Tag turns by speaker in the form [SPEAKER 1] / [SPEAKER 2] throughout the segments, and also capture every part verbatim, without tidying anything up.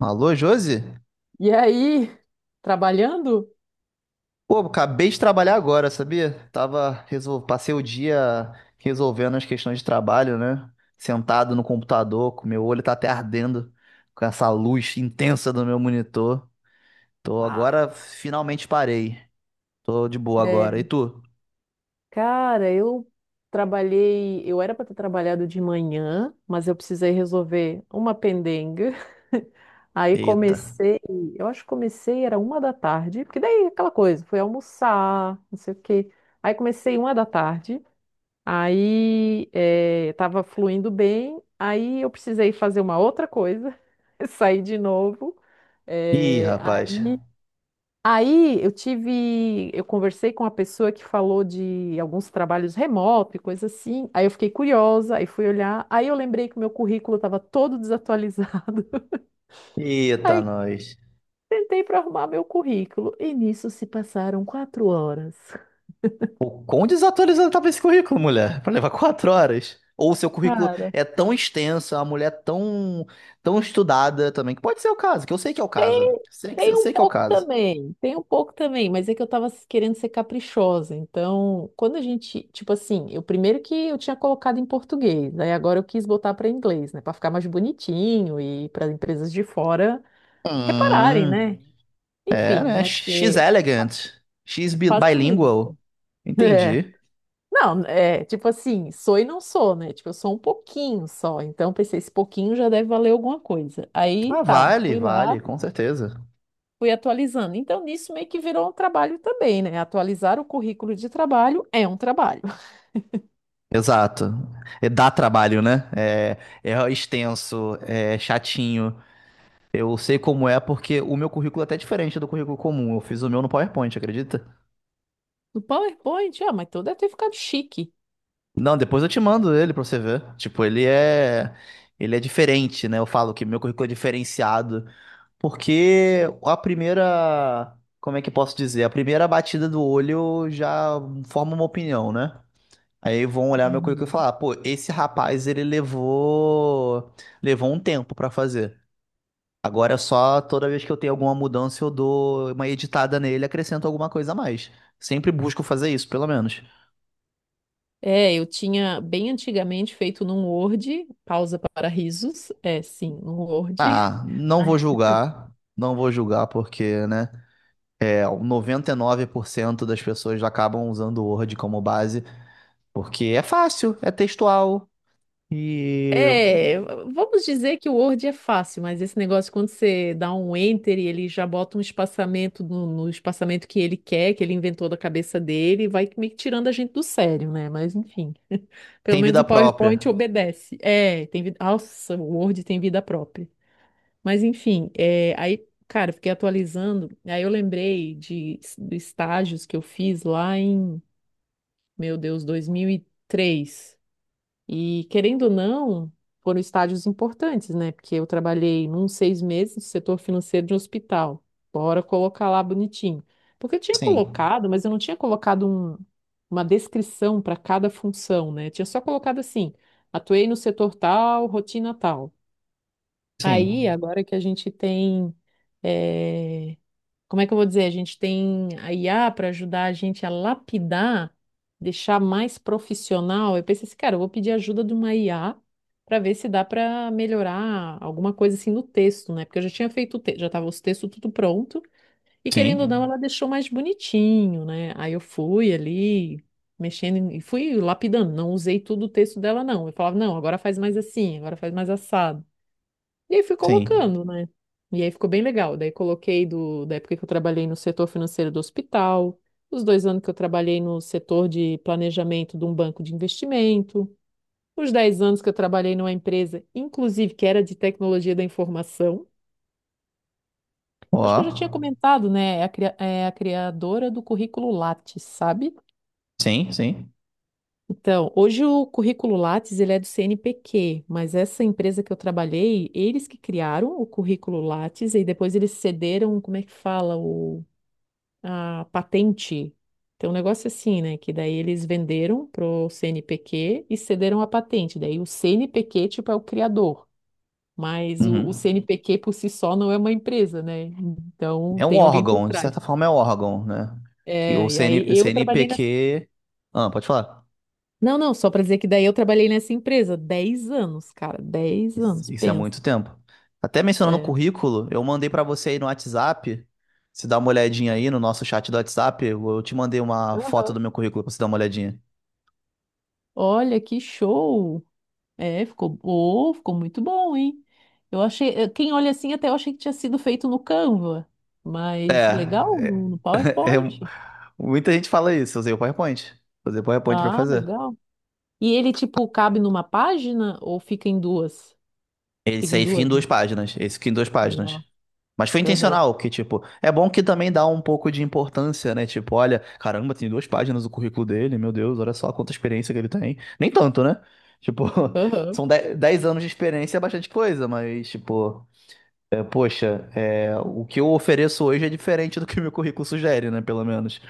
[SPEAKER 1] Alô, Josi?
[SPEAKER 2] E aí, trabalhando?
[SPEAKER 1] Pô, acabei de trabalhar agora, sabia? Tava, resol... Passei o dia resolvendo as questões de trabalho, né? Sentado no computador, com meu olho tá até ardendo com essa luz intensa do meu monitor. Tô
[SPEAKER 2] Ah,
[SPEAKER 1] agora, finalmente parei. Tô de boa
[SPEAKER 2] é,
[SPEAKER 1] agora. E tu?
[SPEAKER 2] cara, eu trabalhei. Eu era para ter trabalhado de manhã, mas eu precisei resolver uma pendenga. Aí
[SPEAKER 1] Eita.
[SPEAKER 2] comecei, eu acho que comecei, era uma da tarde, porque daí aquela coisa, fui almoçar, não sei o quê. Aí comecei uma da tarde, aí eh, tava fluindo bem, aí eu precisei fazer uma outra coisa, saí de novo.
[SPEAKER 1] Ih,
[SPEAKER 2] eh, aí
[SPEAKER 1] rapaz.
[SPEAKER 2] Aí eu tive, eu conversei com uma pessoa que falou de alguns trabalhos remoto e coisa assim. Aí eu fiquei curiosa, aí fui olhar, aí eu lembrei que o meu currículo estava todo desatualizado.
[SPEAKER 1] Eita,
[SPEAKER 2] Aí
[SPEAKER 1] nós.
[SPEAKER 2] tentei para arrumar meu currículo e nisso se passaram quatro horas.
[SPEAKER 1] O quão desatualizado tava esse currículo, mulher? Pra levar quatro horas. Ou o seu currículo
[SPEAKER 2] Cara.
[SPEAKER 1] é tão extenso, a uma mulher é tão, tão estudada também, que pode ser o caso, que eu sei que é o caso.
[SPEAKER 2] Tem,
[SPEAKER 1] Sei que, eu
[SPEAKER 2] tem um
[SPEAKER 1] sei que é o
[SPEAKER 2] pouco
[SPEAKER 1] caso.
[SPEAKER 2] também, tem um pouco também, mas é que eu tava querendo ser caprichosa. Então, quando a gente, tipo assim, eu primeiro que eu tinha colocado em português, aí agora eu quis botar para inglês, né, para ficar mais bonitinho e para empresas de fora repararem,
[SPEAKER 1] Hum,
[SPEAKER 2] né?
[SPEAKER 1] é,
[SPEAKER 2] Enfim,
[SPEAKER 1] né?
[SPEAKER 2] né?
[SPEAKER 1] She's
[SPEAKER 2] Porque
[SPEAKER 1] elegant. She's bi-
[SPEAKER 2] facilita.
[SPEAKER 1] bilingual.
[SPEAKER 2] É.
[SPEAKER 1] Entendi.
[SPEAKER 2] Não, é, tipo assim, sou e não sou, né? Tipo, eu sou um pouquinho só. Então, pensei, esse pouquinho já deve valer alguma coisa. Aí,
[SPEAKER 1] Ah,
[SPEAKER 2] tá,
[SPEAKER 1] vale,
[SPEAKER 2] fui lá,
[SPEAKER 1] vale, com certeza.
[SPEAKER 2] fui atualizando. Então, nisso meio que virou um trabalho também, né? Atualizar o currículo de trabalho é um trabalho.
[SPEAKER 1] Exato. É, dá trabalho, né? É, é extenso, é chatinho. Eu sei como é porque o meu currículo é até diferente do currículo comum. Eu fiz o meu no PowerPoint, acredita?
[SPEAKER 2] No PowerPoint, ah, mas tu deve ter ficado chique.
[SPEAKER 1] Não, depois eu te mando ele pra você ver. Tipo, ele é. Ele é diferente, né? Eu falo que meu currículo é diferenciado. Porque a primeira. Como é que eu posso dizer? A primeira batida do olho já forma uma opinião, né? Aí vão olhar meu currículo e
[SPEAKER 2] Uhum.
[SPEAKER 1] falar: "Ah, pô, esse rapaz, ele levou. Levou um tempo pra fazer. Agora é só toda vez que eu tenho alguma mudança, eu dou uma editada nele, acrescento alguma coisa a mais. Sempre busco fazer isso, pelo menos.
[SPEAKER 2] É, eu tinha bem antigamente feito num Word, pausa para risos, é sim, num Word.
[SPEAKER 1] Ah, não vou
[SPEAKER 2] Né?
[SPEAKER 1] julgar, não vou julgar porque, né, é, noventa e nove por cento das pessoas acabam usando o Word como base porque é fácil, é textual e
[SPEAKER 2] É, vamos dizer que o Word é fácil, mas esse negócio quando você dá um enter e ele já bota um espaçamento no, no espaçamento que ele quer, que ele inventou da cabeça dele, vai meio que tirando a gente do sério, né? Mas enfim. Pelo
[SPEAKER 1] tem
[SPEAKER 2] menos o
[SPEAKER 1] vida
[SPEAKER 2] PowerPoint
[SPEAKER 1] própria.
[SPEAKER 2] obedece. É, tem vida. Nossa, o Word tem vida própria. Mas enfim, é, aí, cara, eu fiquei atualizando. Aí eu lembrei de, de estágios que eu fiz lá em, meu Deus, dois mil e três. E querendo ou não, foram estágios importantes, né? Porque eu trabalhei num seis meses no setor financeiro de um hospital. Bora colocar lá bonitinho. Porque eu tinha
[SPEAKER 1] Sim,
[SPEAKER 2] colocado, mas eu não tinha colocado um- uma descrição para cada função, né? Eu tinha só colocado assim: atuei no setor tal, rotina tal. Aí,
[SPEAKER 1] sim,
[SPEAKER 2] agora que a gente tem eh, como é que eu vou dizer? A gente tem a I A para ajudar a gente a lapidar, deixar mais profissional. Eu pensei assim, cara, eu vou pedir ajuda de uma I A para ver se dá para melhorar alguma coisa assim no texto, né? Porque eu já tinha feito o texto, já estava os textos tudo pronto e querendo ou não,
[SPEAKER 1] sim,
[SPEAKER 2] ela deixou mais bonitinho, né? Aí eu fui ali mexendo em- e fui lapidando, não usei tudo o texto dela não. Eu falava, não, agora faz mais assim, agora faz mais assado. E aí fui
[SPEAKER 1] sim.
[SPEAKER 2] colocando, né? E aí ficou bem legal. Daí coloquei do, da época que eu trabalhei no setor financeiro do hospital, os dois anos que eu trabalhei no setor de planejamento de um banco de investimento, os dez anos que eu trabalhei numa empresa, inclusive, que era de tecnologia da informação.
[SPEAKER 1] Ó,
[SPEAKER 2] Acho que eu já tinha comentado, né? É a, cria- é a criadora do currículo Lattes, sabe?
[SPEAKER 1] sim, sim.
[SPEAKER 2] Então, hoje o currículo Lattes ele é do CNPq, mas essa empresa que eu trabalhei, eles que criaram o currículo Lattes e depois eles cederam, como é que fala, o, a patente. Tem um negócio assim, né? Que daí eles venderam pro CNPq e cederam a patente. Daí o CNPq, tipo, é o criador, mas o, o
[SPEAKER 1] Uhum.
[SPEAKER 2] CNPq por si só não é uma empresa, né? Então
[SPEAKER 1] É um
[SPEAKER 2] tem alguém por
[SPEAKER 1] órgão, de
[SPEAKER 2] trás.
[SPEAKER 1] certa forma é um órgão, né? Que
[SPEAKER 2] É, e
[SPEAKER 1] o C N,
[SPEAKER 2] aí
[SPEAKER 1] o
[SPEAKER 2] eu trabalhei
[SPEAKER 1] CNPq. Ah, pode falar.
[SPEAKER 2] Não, não, só pra dizer que daí eu trabalhei nessa empresa dez anos, cara, dez
[SPEAKER 1] Isso
[SPEAKER 2] anos,
[SPEAKER 1] isso é
[SPEAKER 2] pensa.
[SPEAKER 1] muito tempo. Até mencionando o
[SPEAKER 2] É.
[SPEAKER 1] currículo, eu mandei pra você aí no WhatsApp. Se dá uma olhadinha aí no nosso chat do WhatsApp, eu te mandei uma foto
[SPEAKER 2] Aham.
[SPEAKER 1] do meu currículo pra você dar uma olhadinha.
[SPEAKER 2] Olha que show! É, ficou, oh, ficou muito bom, hein? Eu achei, eh, quem olha assim até eu achei que tinha sido feito no Canva,
[SPEAKER 1] É,
[SPEAKER 2] mas legal,
[SPEAKER 1] é-
[SPEAKER 2] no, no
[SPEAKER 1] é-
[SPEAKER 2] PowerPoint.
[SPEAKER 1] Muita gente fala isso. Eu usei o PowerPoint. Usei o PowerPoint pra
[SPEAKER 2] Ah,
[SPEAKER 1] fazer.
[SPEAKER 2] legal. E ele, tipo, cabe numa página ou fica em duas? Fica
[SPEAKER 1] Esse
[SPEAKER 2] em
[SPEAKER 1] aí fica em
[SPEAKER 2] duas, né?
[SPEAKER 1] duas páginas. Esse fica em duas páginas.
[SPEAKER 2] Legal.
[SPEAKER 1] Mas foi
[SPEAKER 2] Aham,
[SPEAKER 1] intencional, que, tipo, é bom que também dá um pouco de importância, né? Tipo, olha, caramba, tem duas páginas o currículo dele, meu Deus, olha só quanta experiência que ele tem. Nem tanto, né? Tipo,
[SPEAKER 2] aham,
[SPEAKER 1] são de- dez anos de experiência é bastante coisa, mas, tipo, é, poxa, é, o que eu ofereço hoje é diferente do que o meu currículo sugere, né? Pelo menos.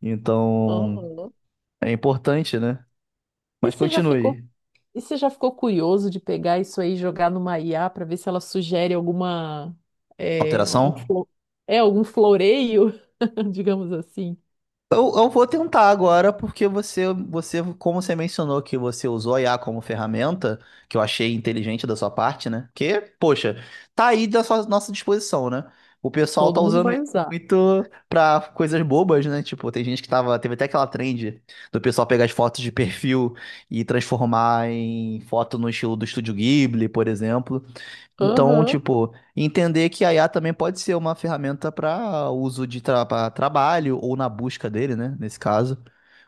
[SPEAKER 1] Então,
[SPEAKER 2] aham.
[SPEAKER 1] é importante, né?
[SPEAKER 2] E
[SPEAKER 1] Mas
[SPEAKER 2] você já ficou
[SPEAKER 1] continue.
[SPEAKER 2] E você já ficou curioso de pegar isso aí e jogar numa I A para ver se ela sugere alguma é, um
[SPEAKER 1] Alteração?
[SPEAKER 2] flo- é algum floreio, digamos assim?
[SPEAKER 1] Eu, eu vou tentar agora, porque você, você, como você mencionou que você usou a I A como ferramenta, que eu achei inteligente da sua parte, né? Porque, poxa, tá aí da sua- nossa disposição, né? O pessoal tá
[SPEAKER 2] Todo mundo
[SPEAKER 1] usando isso
[SPEAKER 2] vai usar.
[SPEAKER 1] muito pra coisas bobas, né? Tipo, tem gente que tava, teve até aquela trend do pessoal pegar as fotos de perfil e transformar em foto no estilo do Estúdio Ghibli, por exemplo. Então,
[SPEAKER 2] Aham.
[SPEAKER 1] tipo, entender que a I A também pode ser uma ferramenta para uso de tra pra trabalho ou na busca dele, né? Nesse caso,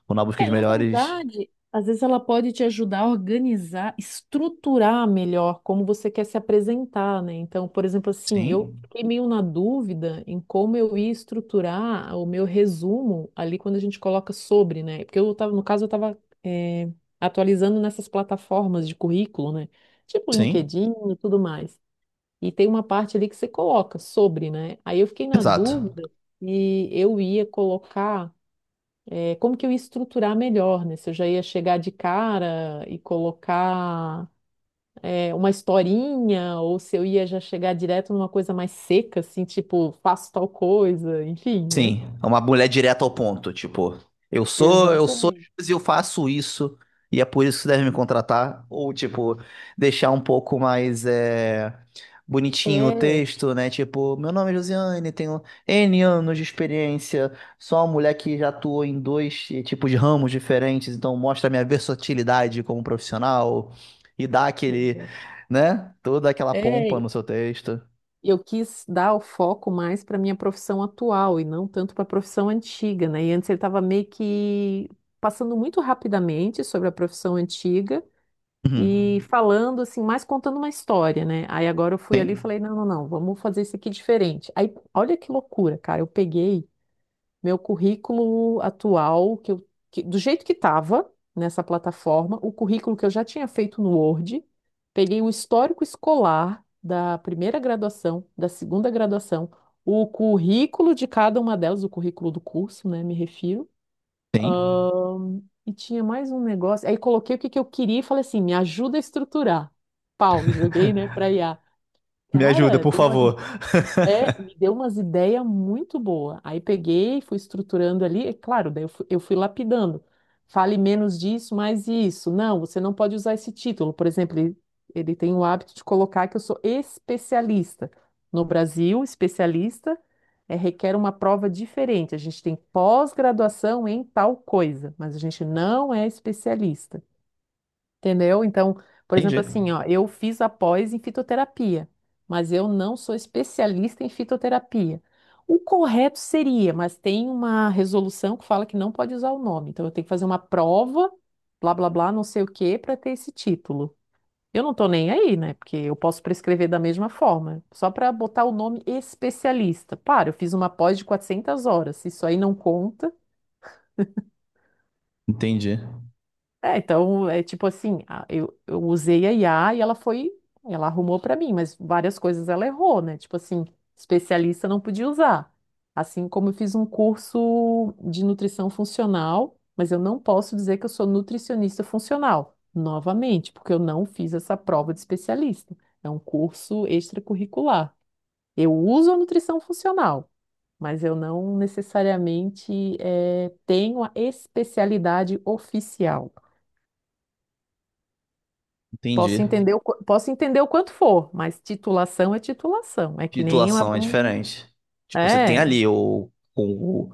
[SPEAKER 1] ou na busca
[SPEAKER 2] É,
[SPEAKER 1] de
[SPEAKER 2] na
[SPEAKER 1] melhores.
[SPEAKER 2] verdade, às vezes ela pode te ajudar a organizar, estruturar melhor como você quer se apresentar, né? Então, por exemplo, assim, eu
[SPEAKER 1] Sim,
[SPEAKER 2] fiquei meio na dúvida em como eu ia estruturar o meu resumo ali quando a gente coloca sobre, né? Porque eu tava, no caso, eu estava atualizando nessas plataformas de currículo, né? Tipo
[SPEAKER 1] sim,
[SPEAKER 2] LinkedIn e tudo mais. E tem uma parte ali que você coloca sobre, né? Aí eu fiquei na
[SPEAKER 1] exato.
[SPEAKER 2] dúvida e eu ia colocar é, como que eu ia estruturar melhor, né? Se eu já ia chegar de cara e colocar é, uma historinha, ou se eu ia já chegar direto numa coisa mais seca, assim, tipo, faço tal coisa, enfim, né?
[SPEAKER 1] Sim, é uma mulher direta ao ponto, tipo, eu sou, eu sou
[SPEAKER 2] Exatamente.
[SPEAKER 1] X e eu faço isso, e é por isso que você deve me contratar, ou tipo, deixar um pouco mais é, bonitinho o
[SPEAKER 2] É,
[SPEAKER 1] texto, né? Tipo, meu nome é Josiane, tenho N anos de experiência, sou uma mulher que já atuou em dois eh, tipos de ramos diferentes, então mostra a minha versatilidade como profissional e dá aquele,
[SPEAKER 2] exato.
[SPEAKER 1] né? Toda aquela pompa
[SPEAKER 2] é,
[SPEAKER 1] no seu texto.
[SPEAKER 2] eu quis dar o foco mais para minha profissão atual e não tanto para a profissão antiga, né? E antes ele estava meio que passando muito rapidamente sobre a profissão antiga e
[SPEAKER 1] Uhum.
[SPEAKER 2] falando assim, mais contando uma história, né? Aí agora eu fui ali e
[SPEAKER 1] Sim,
[SPEAKER 2] falei, não, não, não, vamos fazer isso aqui diferente. Aí, olha que loucura, cara, eu peguei meu currículo atual, que eu, que- do jeito que estava nessa plataforma, o currículo que eu já tinha feito no Word, peguei o histórico escolar da primeira graduação, da segunda graduação, o currículo de cada uma delas, o currículo do curso, né, me refiro,
[SPEAKER 1] sim.
[SPEAKER 2] e tinha mais um negócio. Aí coloquei o que que eu queria e falei assim: me ajuda a estruturar. Pau, joguei, né, pra I a.
[SPEAKER 1] Me ajuda,
[SPEAKER 2] Cara,
[SPEAKER 1] por
[SPEAKER 2] deu uma
[SPEAKER 1] favor.
[SPEAKER 2] é, Me deu umas ideias muito boas. Aí peguei, fui estruturando ali, é claro, daí eu fui, eu fui lapidando. Fale menos disso, mais isso. Não, você não pode usar esse título. Por exemplo, ele, ele tem o hábito de colocar que eu sou especialista. No Brasil, especialista é, requer uma prova diferente. A gente tem pós-graduação em tal coisa, mas a gente não é especialista. Entendeu? Então, por exemplo,
[SPEAKER 1] Entendi.
[SPEAKER 2] assim, ó, eu fiz a pós em fitoterapia, mas eu não sou especialista em fitoterapia. O correto seria, mas tem uma resolução que fala que não pode usar o nome. Então, eu tenho que fazer uma prova, blá, blá, blá, não sei o quê, para ter esse título. Eu não tô nem aí, né? Porque eu posso prescrever da mesma forma, só para botar o nome especialista. Para, eu fiz uma pós de quatrocentas horas. Se isso aí não conta,
[SPEAKER 1] Entendi.
[SPEAKER 2] é, então, é tipo assim, a- eu, eu usei a I A e ela foi, ela arrumou pra mim, mas várias coisas ela errou, né? Tipo assim, especialista não podia usar. Assim como eu fiz um curso de nutrição funcional, mas eu não posso dizer que eu sou nutricionista funcional, novamente, porque eu não fiz essa prova de especialista. É um curso extracurricular. Eu uso a nutrição funcional, mas eu não necessariamente eh, tenho a especialidade oficial. Posso
[SPEAKER 1] Entendi.
[SPEAKER 2] entender o, qu- posso entender o quanto for, mas titulação é titulação. É que nem uma.
[SPEAKER 1] Titulação é
[SPEAKER 2] um-
[SPEAKER 1] diferente. Tipo, você tem
[SPEAKER 2] É,
[SPEAKER 1] ali o, o-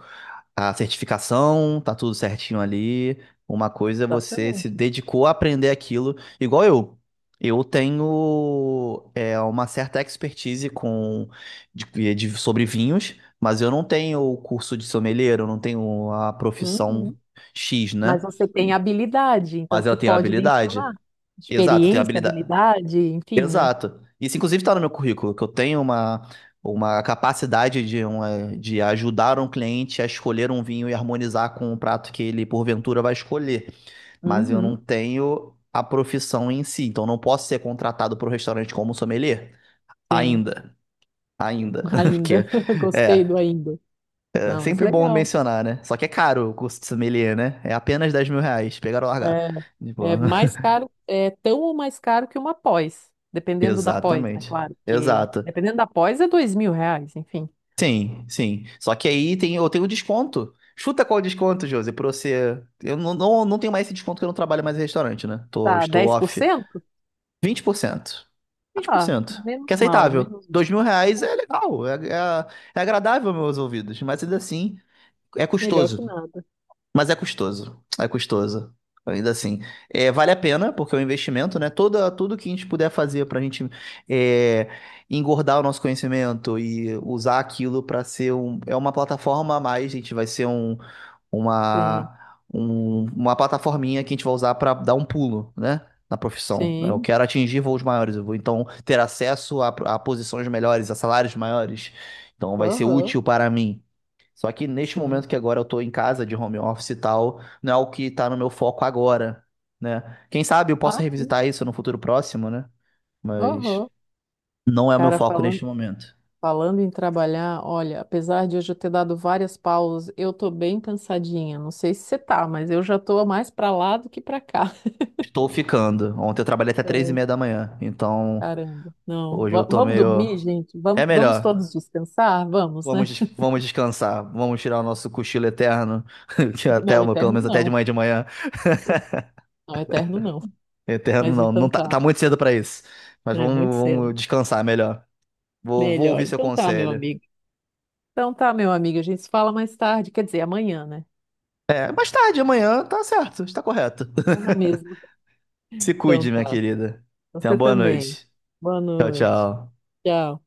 [SPEAKER 1] a certificação, tá tudo certinho ali. Uma coisa é você se
[SPEAKER 2] exatamente.
[SPEAKER 1] dedicou a aprender aquilo, igual eu. Eu tenho é, uma certa expertise com de- de- sobre vinhos, mas eu não tenho o curso de sommelier, eu não tenho a profissão
[SPEAKER 2] Uhum.
[SPEAKER 1] X,
[SPEAKER 2] Mas
[SPEAKER 1] né?
[SPEAKER 2] você tem habilidade, então
[SPEAKER 1] Mas eu
[SPEAKER 2] você
[SPEAKER 1] tenho
[SPEAKER 2] pode
[SPEAKER 1] habilidade.
[SPEAKER 2] mencionar.
[SPEAKER 1] Exato, eu tenho
[SPEAKER 2] Experiência,
[SPEAKER 1] habilidade.
[SPEAKER 2] habilidade, enfim, né?
[SPEAKER 1] Exato. Isso, inclusive, está no meu currículo, que eu tenho uma, uma capacidade de, uma, de ajudar um cliente a escolher um vinho e harmonizar com o prato que ele, porventura, vai escolher. Mas eu não
[SPEAKER 2] Uhum.
[SPEAKER 1] tenho a profissão em si, então não posso ser contratado para o restaurante como sommelier
[SPEAKER 2] Sim,
[SPEAKER 1] ainda. Ainda.
[SPEAKER 2] ainda.
[SPEAKER 1] Porque
[SPEAKER 2] Gostei
[SPEAKER 1] é,
[SPEAKER 2] do ainda.
[SPEAKER 1] é
[SPEAKER 2] Não, mas
[SPEAKER 1] sempre bom
[SPEAKER 2] legal.
[SPEAKER 1] mencionar, né? Só que é caro o curso de sommelier, né? É apenas dez mil reais, pegar ou largar. Tipo,
[SPEAKER 2] É, é mais caro, é tão ou mais caro que uma pós. Dependendo da pós, né?
[SPEAKER 1] exatamente.
[SPEAKER 2] Claro, porque
[SPEAKER 1] Exato.
[SPEAKER 2] dependendo da pós é dois mil reais, enfim.
[SPEAKER 1] Sim, sim. Só que aí tem, eu tenho desconto. Chuta qual o desconto, Josi, pra você. Eu não, não, não tenho mais esse desconto que eu não trabalho mais em restaurante, né? Tô,
[SPEAKER 2] Tá,
[SPEAKER 1] estou
[SPEAKER 2] dez por
[SPEAKER 1] off. Vinte
[SPEAKER 2] cento
[SPEAKER 1] vinte por cento, vinte por
[SPEAKER 2] Ah,
[SPEAKER 1] cento. Que é
[SPEAKER 2] menos mal,
[SPEAKER 1] aceitável.
[SPEAKER 2] menos mal.
[SPEAKER 1] Dois mil reais é legal, é, é, é agradável aos meus ouvidos, mas ainda assim é
[SPEAKER 2] Melhor que
[SPEAKER 1] custoso.
[SPEAKER 2] nada.
[SPEAKER 1] Mas é custoso, é custoso. Ainda assim, é, vale a pena, porque é um investimento, né? Toda, tudo que a gente puder fazer para a gente é, engordar o nosso conhecimento e usar aquilo para ser um, é uma plataforma a mais, a gente vai ser um,
[SPEAKER 2] Sim,
[SPEAKER 1] uma, um- uma plataforminha que a gente vai usar para dar um pulo, né? Na profissão. Eu
[SPEAKER 2] sim.
[SPEAKER 1] quero atingir voos maiores, eu vou então ter acesso a, a posições melhores, a salários maiores. Então vai ser
[SPEAKER 2] Aham,
[SPEAKER 1] útil para mim. Só que neste
[SPEAKER 2] sim.
[SPEAKER 1] momento que agora eu tô em casa de home office e tal, não é o que tá no meu foco agora, né? Quem sabe eu possa
[SPEAKER 2] Ah, sim.
[SPEAKER 1] revisitar isso no futuro próximo, né? Mas
[SPEAKER 2] Aham.
[SPEAKER 1] não é o meu
[SPEAKER 2] Cara,
[SPEAKER 1] foco
[SPEAKER 2] falando,
[SPEAKER 1] neste momento.
[SPEAKER 2] falando em trabalhar, olha, apesar de hoje eu ter dado várias pausas, eu tô bem cansadinha. Não sei se você tá, mas eu já tô mais pra lá do que pra cá.
[SPEAKER 1] Estou ficando. Ontem eu trabalhei até três e
[SPEAKER 2] É,
[SPEAKER 1] meia da manhã, então
[SPEAKER 2] caramba. Não.
[SPEAKER 1] hoje eu
[SPEAKER 2] Va-
[SPEAKER 1] tô
[SPEAKER 2] vamos dormir,
[SPEAKER 1] meio.
[SPEAKER 2] gente?
[SPEAKER 1] É
[SPEAKER 2] Vamos, vamos todos
[SPEAKER 1] melhor.
[SPEAKER 2] descansar? Vamos,
[SPEAKER 1] Vamos,
[SPEAKER 2] né?
[SPEAKER 1] des- vamos descansar. Vamos tirar o nosso cochilo eterno. Que até
[SPEAKER 2] Não,
[SPEAKER 1] uma, pelo
[SPEAKER 2] eterno
[SPEAKER 1] menos até de
[SPEAKER 2] não.
[SPEAKER 1] manhã de manhã.
[SPEAKER 2] Não, eterno não.
[SPEAKER 1] Eterno
[SPEAKER 2] Mas
[SPEAKER 1] não, não
[SPEAKER 2] então
[SPEAKER 1] tá,
[SPEAKER 2] tá.
[SPEAKER 1] tá muito cedo pra isso. Mas
[SPEAKER 2] É
[SPEAKER 1] vamos,
[SPEAKER 2] muito
[SPEAKER 1] vamos
[SPEAKER 2] cedo.
[SPEAKER 1] descansar melhor. Vou, vou
[SPEAKER 2] Melhor.
[SPEAKER 1] ouvir seu
[SPEAKER 2] Então tá, meu
[SPEAKER 1] conselho.
[SPEAKER 2] amigo. Então tá, meu amigo, a gente se fala mais tarde, quer dizer, amanhã, né?
[SPEAKER 1] É, mais tarde, amanhã, tá certo, está correto.
[SPEAKER 2] Tô na mesma.
[SPEAKER 1] Se
[SPEAKER 2] Então
[SPEAKER 1] cuide, minha
[SPEAKER 2] tá.
[SPEAKER 1] querida. Tenha
[SPEAKER 2] Você
[SPEAKER 1] uma boa
[SPEAKER 2] também.
[SPEAKER 1] noite.
[SPEAKER 2] Boa
[SPEAKER 1] Tchau,
[SPEAKER 2] noite.
[SPEAKER 1] tchau.
[SPEAKER 2] Tchau.